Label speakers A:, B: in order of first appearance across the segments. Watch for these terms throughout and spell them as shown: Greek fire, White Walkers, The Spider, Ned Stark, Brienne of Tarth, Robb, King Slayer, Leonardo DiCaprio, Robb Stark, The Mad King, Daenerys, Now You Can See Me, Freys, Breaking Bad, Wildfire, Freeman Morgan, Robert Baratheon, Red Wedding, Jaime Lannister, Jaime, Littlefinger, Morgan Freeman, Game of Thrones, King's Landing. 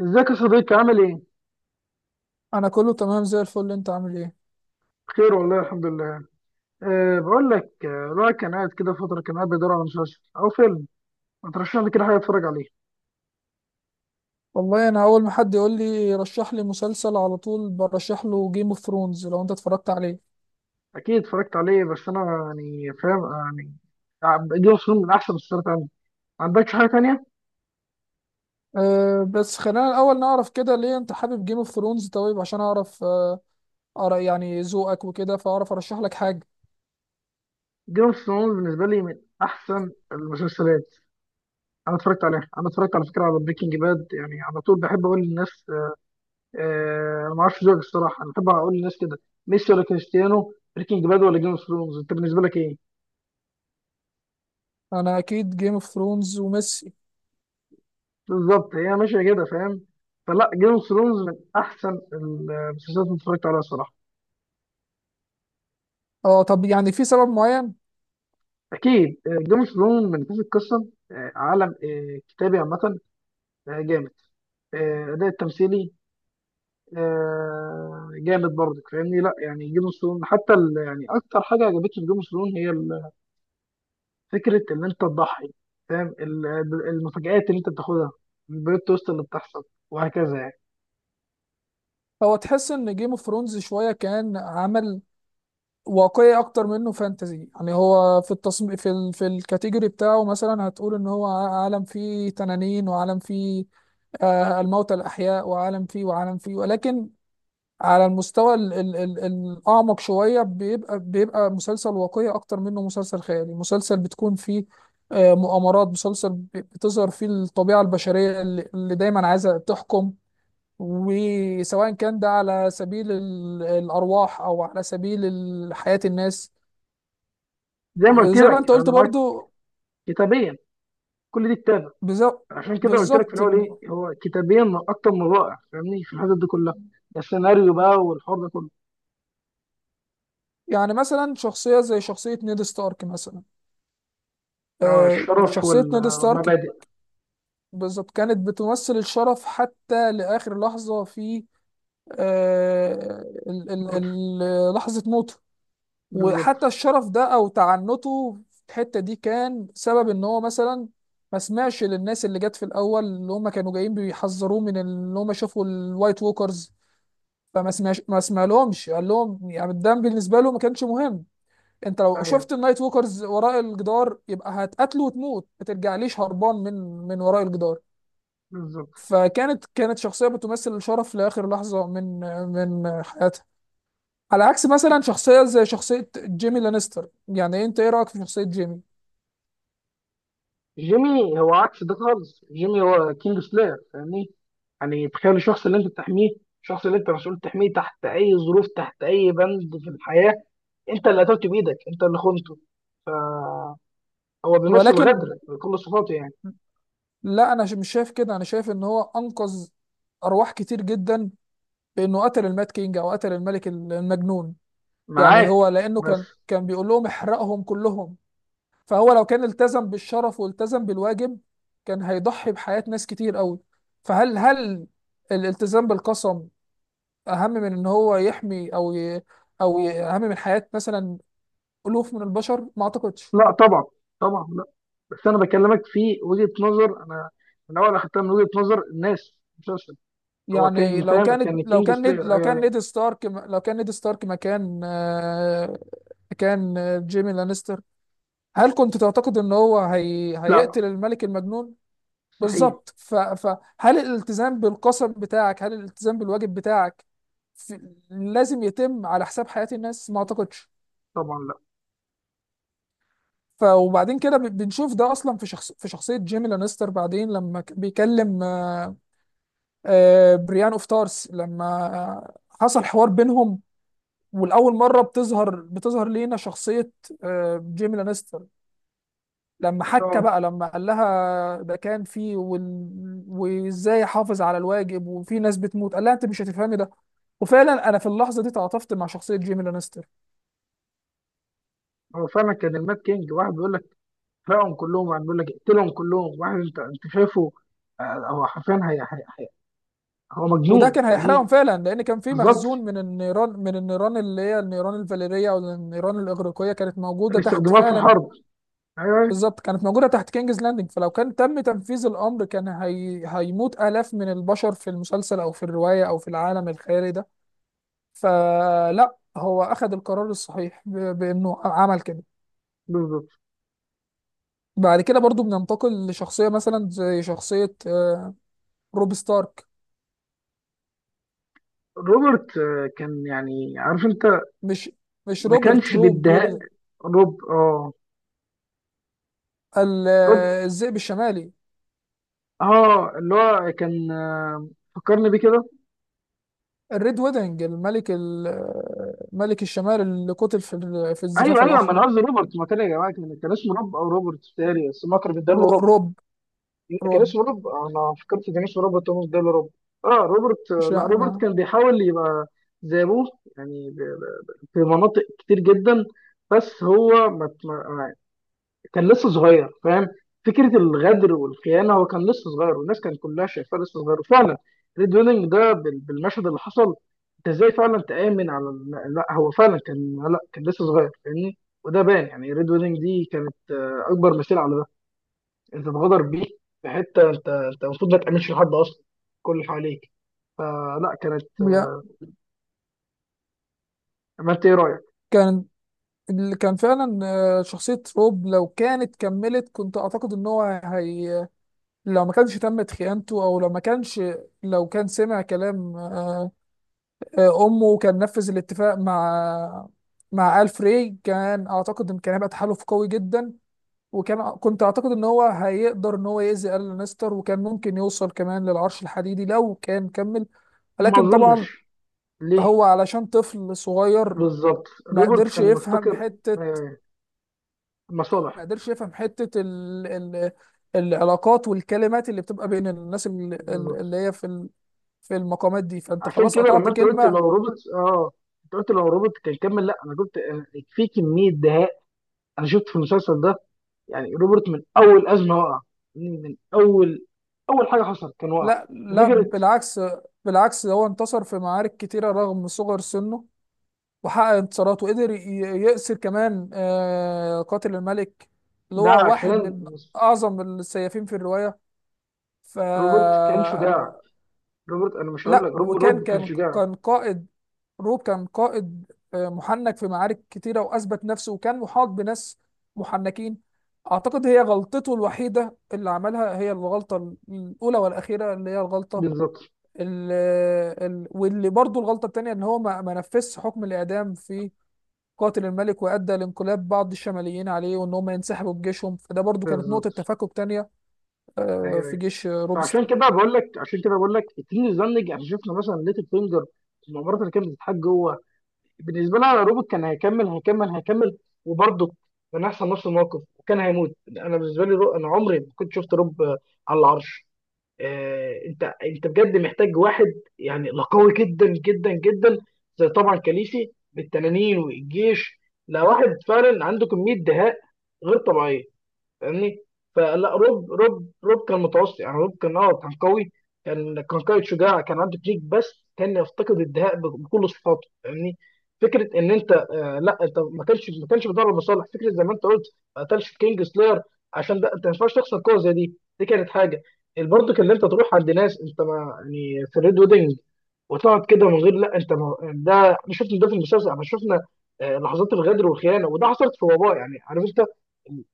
A: ازيك يا صديقي؟ عامل ايه؟
B: انا كله تمام زي الفل، انت عامل ايه؟
A: بخير والله. الحمد لله. أه، بقول لك، الواحد كان قاعد كده فترة، كان قاعد بيدور على مسلسل أو فيلم، ما ترشح لي كده حاجة أتفرج عليه.
B: والله انا اول ما حد يقول لي رشح لي مسلسل، على طول برشح له جيم اوف ثرونز. لو انت اتفرجت عليه.
A: أكيد اتفرجت عليه، بس أنا يعني فاهم، يعني جيم اوف ثرونز من أحسن المسلسلات عندي. ما عندكش حاجة تانية؟
B: أه بس خلينا الاول نعرف كده ليه انت حابب جيم اوف ثرونز، طيب عشان اعرف يعني ذوقك وكده، فاعرف ارشح لك حاجه.
A: جيم اوف ثرونز بالنسبة لي من أحسن المسلسلات. أنا اتفرجت عليها، أنا اتفرجت على فكرة على بريكنج باد، يعني على طول بحب أقول للناس، أه، أنا ما أعرفش ذوقك الصراحة، أنا بحب أقول للناس كده، ميسي ولا كريستيانو، بريكنج باد ولا جيم اوف ثرونز، أنت بالنسبة لك إيه؟
B: انا اكيد جيم اوف ثرونز وميسي.
A: بالظبط، هي ماشيه كده، فاهم؟ فلا، جيم اوف ثرونز من احسن المسلسلات اللي اتفرجت عليها الصراحه.
B: اه طب يعني في سبب معين؟
A: اكيد جيم اوف ثرونز من حيث القصه، عالم، كتابي عامه، جامد، اداء التمثيلي، جامد برضك، فاهمني؟ لا يعني جيم اوف ثرونز حتى يعني اكتر حاجه عجبتني في جيم اوف ثرونز هي فكره ان انت تضحي، فاهم؟ المفاجآت اللي انت بتاخدها، البلوت تويست اللي بتحصل وهكذا، يعني
B: هو تحس ان جيم اوف ثرونز شويه كان عمل واقعي اكتر منه فانتزي؟ يعني هو في التصميم، في الكاتيجوري بتاعه، مثلا هتقول ان هو عالم فيه تنانين، وعالم فيه آه الموتى الاحياء، وعالم فيه ولكن على المستوى الاعمق شويه، بيبقى مسلسل واقعي اكتر منه مسلسل خيالي. مسلسل بتكون فيه آه مؤامرات، مسلسل بتظهر فيه الطبيعه البشريه اللي دايما عايزه تحكم، وسواء كان ده على سبيل الأرواح أو على سبيل حياة الناس.
A: زي ما قلت
B: وزي ما انت
A: لك،
B: قلت
A: انا معاك.
B: برضو.
A: كتابيا كل دي كتاب،
B: بز-
A: عشان كده قلت لك في
B: بالظبط
A: الاول،
B: الم-
A: ايه هو كتابيا اكتر من رائع، فاهمني؟ في الحتت دي كلها السيناريو بقى والحوار ده كله،
B: يعني مثلا شخصية زي شخصية نيد ستارك مثلا.
A: الشرف
B: شخصية نيد ستارك
A: والمبادئ
B: بالظبط كانت بتمثل الشرف حتى لآخر لحظة في آه، ال- ال-
A: برضه.
B: لحظة موته. وحتى
A: بالظبط.
B: الشرف ده أو تعنته في الحتة دي كان سبب إن هو مثلا ما سمعش للناس اللي جت في الأول، اللي هم كانوا جايين بيحذروه من اللي هم شافوا الوايت ووكرز. فما سمعش ما سمع لهمش، قال لهم يعني الدم بالنسبه له ما كانش مهم. انت لو
A: ايوه
B: شفت النايت ووكرز وراء الجدار يبقى هتقتله وتموت، ما ترجعليش هربان من من وراء الجدار.
A: بالظبط.
B: كانت شخصيه بتمثل الشرف لاخر لحظه من من حياتها. على عكس مثلا شخصيه زي شخصيه جيمي لانستر، يعني انت ايه رايك في شخصيه جيمي؟
A: جيمي هو عكس ده خالص. جيمي هو كينج سلاير، فاهمني؟ يعني تخيل الشخص اللي انت بتحميه، الشخص اللي انت مسؤول تحميه تحت اي ظروف، تحت اي بند في الحياه، انت اللي قتلته بايدك، انت اللي خنته. فهو بيمثل
B: ولكن
A: غدر بكل صفاته، يعني.
B: لا، انا مش شايف كده. انا شايف ان هو انقذ ارواح كتير جدا بانه قتل المات كينج او قتل الملك المجنون. يعني
A: معاك،
B: هو لانه كان
A: بس.
B: بيقول لهم احرقهم كلهم. فهو لو كان التزم بالشرف والتزم بالواجب كان هيضحي بحياة ناس كتير قوي. هل الالتزام بالقسم اهم من ان هو يحمي او او اهم من حياة مثلا الوف من البشر؟ ما اعتقدش.
A: لا طبعا. طبعا لا. بس انا بكلمك في وجهة نظر انا من اول اخدتها، من وجهة نظر الناس، المسلسل. هو
B: يعني
A: كان فاهم، كان الكينج سلاير، ايوه ايوه.
B: لو كان نيد ستارك مكان كان جيمي لانستر، هل كنت تعتقد ان هو
A: لا،
B: هيقتل الملك المجنون؟
A: مستحيل.
B: بالظبط. فهل الالتزام بالقسم بتاعك، هل الالتزام بالواجب بتاعك لازم يتم على حساب حياة الناس؟ ما اعتقدش.
A: طبعا لا.
B: ف وبعدين كده بنشوف ده اصلا في شخص في شخصية جيمي لانستر بعدين لما بيكلم بريان اوف تارس. لما آه، حصل حوار بينهم، والأول مرة بتظهر لينا شخصية جيمي لانستر، لما حكى بقى،
A: اه،
B: لما قال لها ده كان في وازاي احافظ على الواجب وفي ناس بتموت، قال لها انت مش هتفهمي ده. وفعلا انا في اللحظه دي تعاطفت مع شخصيه جيمي لانستر.
A: هو فعلا كان المات كينج، واحد بيقول لك احرقهم كلهم، واحد بيقول لك اقتلهم كلهم، واحد انت شايفه، آه، هو حرفيا هي هو
B: وده
A: مجنون،
B: كان هيحرقهم
A: يعني.
B: فعلا، لان كان في
A: بالظبط،
B: مخزون من النيران، من النيران اللي هي النيران الفاليريه او النيران الاغريقيه، كانت موجوده
A: اللي
B: تحت
A: استخدموها في
B: فعلا.
A: الحرب. ايوه أيوة،
B: بالظبط كانت موجوده تحت كينجز لاندنج، فلو كان تم تنفيذ الامر كان هيموت الاف من البشر في المسلسل او في الروايه او في العالم الخيالي ده. فلا هو اخذ القرار الصحيح بانه عمل كده.
A: بالظبط.
B: بعد كده برضو بننتقل لشخصية مثلا زي شخصية روب ستارك.
A: روبرت، كان يعني عارف انت
B: مش مش
A: ما
B: روبرت،
A: كانش
B: روب،
A: بيديها روب، اه. روب،
B: الذئب الشمالي،
A: اه، اللي هو كان، فكرني بيه كده.
B: الريد ويدنج، الملك ملك الشمال اللي قتل في في
A: ايوه
B: الزفاف
A: ايوه، ما انا
B: الأحمر.
A: قصدي روبرت، ما كان يا جماعه، كان اسمه روب او روبرت بتهيألي، بس ما كان بيداله
B: رو-
A: روب.
B: روب
A: كان
B: روب.
A: اسمه روب، انا فكرت كان اسمه روبرت، هو بيداله روب. اه روبرت،
B: مش
A: لا روبرت
B: يعني.
A: كان بيحاول يبقى زي ابوه، يعني في مناطق كتير جدا، بس هو ما كان لسه صغير، فاهم؟ فكره الغدر والخيانه، هو كان لسه صغير، والناس كانت كلها شايفاه لسه صغير، وفعلا ريد ويدنج ده بالمشهد اللي حصل، انت ازاي فعلا تامن على لا هو فعلا كان، لا كان لسه صغير، فاهمني؟ وده بان، يعني ريد ويدنج دي كانت اكبر مثال على ده، انت اتغدر بيه في حته انت المفروض ما تامنش لحد اصلا، كل اللي حواليك. فلا كانت،
B: يا-
A: ما انت ايه رايك؟
B: كان اللي كان فعلا شخصية روب، لو كانت كملت كنت أعتقد إن هو لو ما كانش تمت خيانته، او لو ما كانش لو كان سمع كلام امه، كان نفذ الاتفاق مع مع الفري، كان اعتقد ان كان هيبقى تحالف قوي جدا. وكان اعتقد ان هو هيقدر ان هو يأذي ال لانستر، وكان ممكن يوصل كمان للعرش الحديدي لو كان كمل.
A: ما
B: لكن طبعا
A: اظنش. ليه؟
B: هو علشان طفل صغير
A: بالظبط
B: ما
A: روبرت
B: قدرش
A: كان
B: يفهم
A: مفتكر،
B: حتة.
A: آه، مصالح.
B: ما قدرش يفهم حتة العلاقات والكلمات اللي بتبقى بين الناس
A: بالظبط.
B: اللي هي في في المقامات دي، فانت
A: عشان
B: خلاص
A: كده
B: قطعت
A: لما انت قلت
B: كلمة.
A: لو روبوت، اه، انت قلت لو روبوت كان كمل، لا انا كنت في كميه دهاء انا شفت في المسلسل ده، يعني روبوت من اول ازمه وقع. من اول، اول حاجه حصلت كان وقع.
B: لا لا،
A: فكره،
B: بالعكس. بالعكس هو انتصر في معارك كتيرة رغم صغر سنه، وحقق انتصارات، وقدر يأسر كمان قاتل الملك، اللي
A: ده
B: هو واحد
A: عشان
B: من أعظم السيافين في الرواية. ف
A: روبوت كان شجاع. روبوت، انا مش هقول لك
B: لا،
A: روب
B: وكان
A: روب كان
B: كان
A: شجاع.
B: كان قائد. روب كان قائد محنك في معارك كتيرة، وأثبت نفسه، وكان محاط بناس محنكين. أعتقد هي غلطته الوحيدة اللي عملها هي الغلطة الأولى والأخيرة، اللي هي الغلطة
A: بالظبط.
B: ال- واللي برضو الغلطة التانية إن هو ما نفذش حكم الإعدام في قاتل الملك، وأدى لانقلاب بعض الشماليين عليه وإن هم ينسحبوا بجيشهم، فده برضو كانت نقطة
A: بالظبط.
B: تفكك تانية
A: ايوه
B: في
A: ايوه.
B: جيش روب
A: فعشان
B: ستار.
A: كده بقول لك، التيم الزنج احنا شفنا مثلا ليتل فينجر، المؤامرات اللي كانت بتتحاج جوه. بالنسبه لها روبوت كان هيكمل، هيكمل، وبرضه كان هيحصل نفس الموقف وكان هيموت. انا بالنسبه لي، انا عمري ما كنت شفت روب، على العرش. انت بجد محتاج واحد، يعني لا، قوي جدا جدا جدا، زي طبعا كاليسي بالتنانين والجيش. لا، واحد فعلا عنده كميه دهاء غير طبيعيه، فاهمني؟ فلا، روب كان متوسط، يعني روب كان، كان قوي. كان قائد شجاع، كان عنده تكنيك، بس كان يفتقد الدهاء بكل صفاته، فاهمني؟ فكره ان انت، آه، لا انت ما كانش بتدور مصالح، فكره زي ما انت قلت، ما قتلش كينج سلاير، عشان ده انت ما ينفعش تخسر قوه زي دي. دي كانت حاجه برضه، اللي انت تروح عند ناس انت ما يعني، في الريد ويدنج وتقعد كده من غير، لا انت ما، ده احنا شفنا ده في المسلسل احنا شفنا لحظات الغدر والخيانه، وده حصلت في وباء، يعني عرفت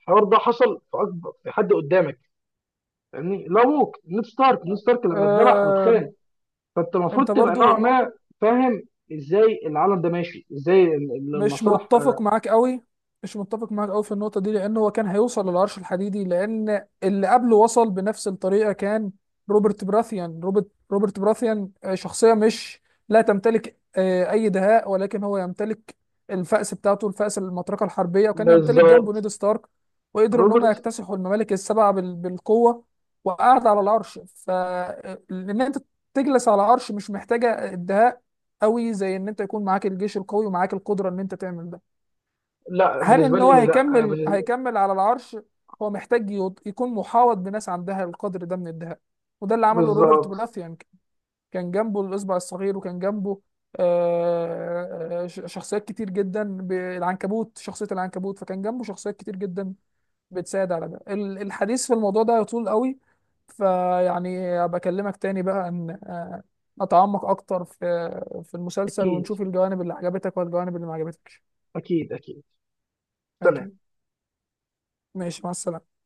A: الحوار ده حصل في اكبر، في حد قدامك، فاهمني؟ لا ووك، نيد ستارك لما اتذبح
B: آه،
A: واتخان، فانت المفروض
B: أنت
A: تبقى نوعا
B: برضو
A: ما فاهم ازاي العالم ده ماشي، ازاي
B: مش
A: المصالح،
B: متفق
A: آه،
B: معاك قوي. مش متفق معاك قوي في النقطة دي، لأن هو كان هيوصل للعرش الحديدي، لأن اللي قبله وصل بنفس الطريقة، كان روبرت براثيان. روبرت براثيان شخصية مش لا تمتلك أي دهاء، ولكن هو يمتلك الفأس بتاعته، الفأس المطرقة الحربية، وكان يمتلك جنبه
A: بالظبط
B: نيد ستارك، وقدروا إن هم
A: روبرت.
B: يكتسحوا الممالك السبعة بالقوة، وقعد على العرش. فإن أنت تجلس على عرش مش محتاجة الدهاء قوي، زي ان انت يكون معاك الجيش القوي ومعاك القدره ان انت تعمل ده.
A: لا
B: هل
A: بالنسبه
B: ان هو
A: لي لا، آه،
B: هيكمل على العرش؟ هو محتاج يكون محاوط بناس عندها القدر ده من الدهاء، وده اللي عمله روبرت
A: بالظبط.
B: براثيان. كان جنبه الاصبع الصغير، وكان جنبه شخصيات كتير جدا، العنكبوت، شخصيه العنكبوت، فكان جنبه شخصيات كتير جدا بتساعد على ده. الحديث في الموضوع ده يطول قوي، فيعني ابقى اكلمك تاني بقى ان نتعمق اكتر في في المسلسل،
A: اكيد،
B: ونشوف الجوانب اللي عجبتك والجوانب اللي ما عجبتكش.
A: اكيد اكيد. سلام.
B: اكيد. ماشي، مع السلامة.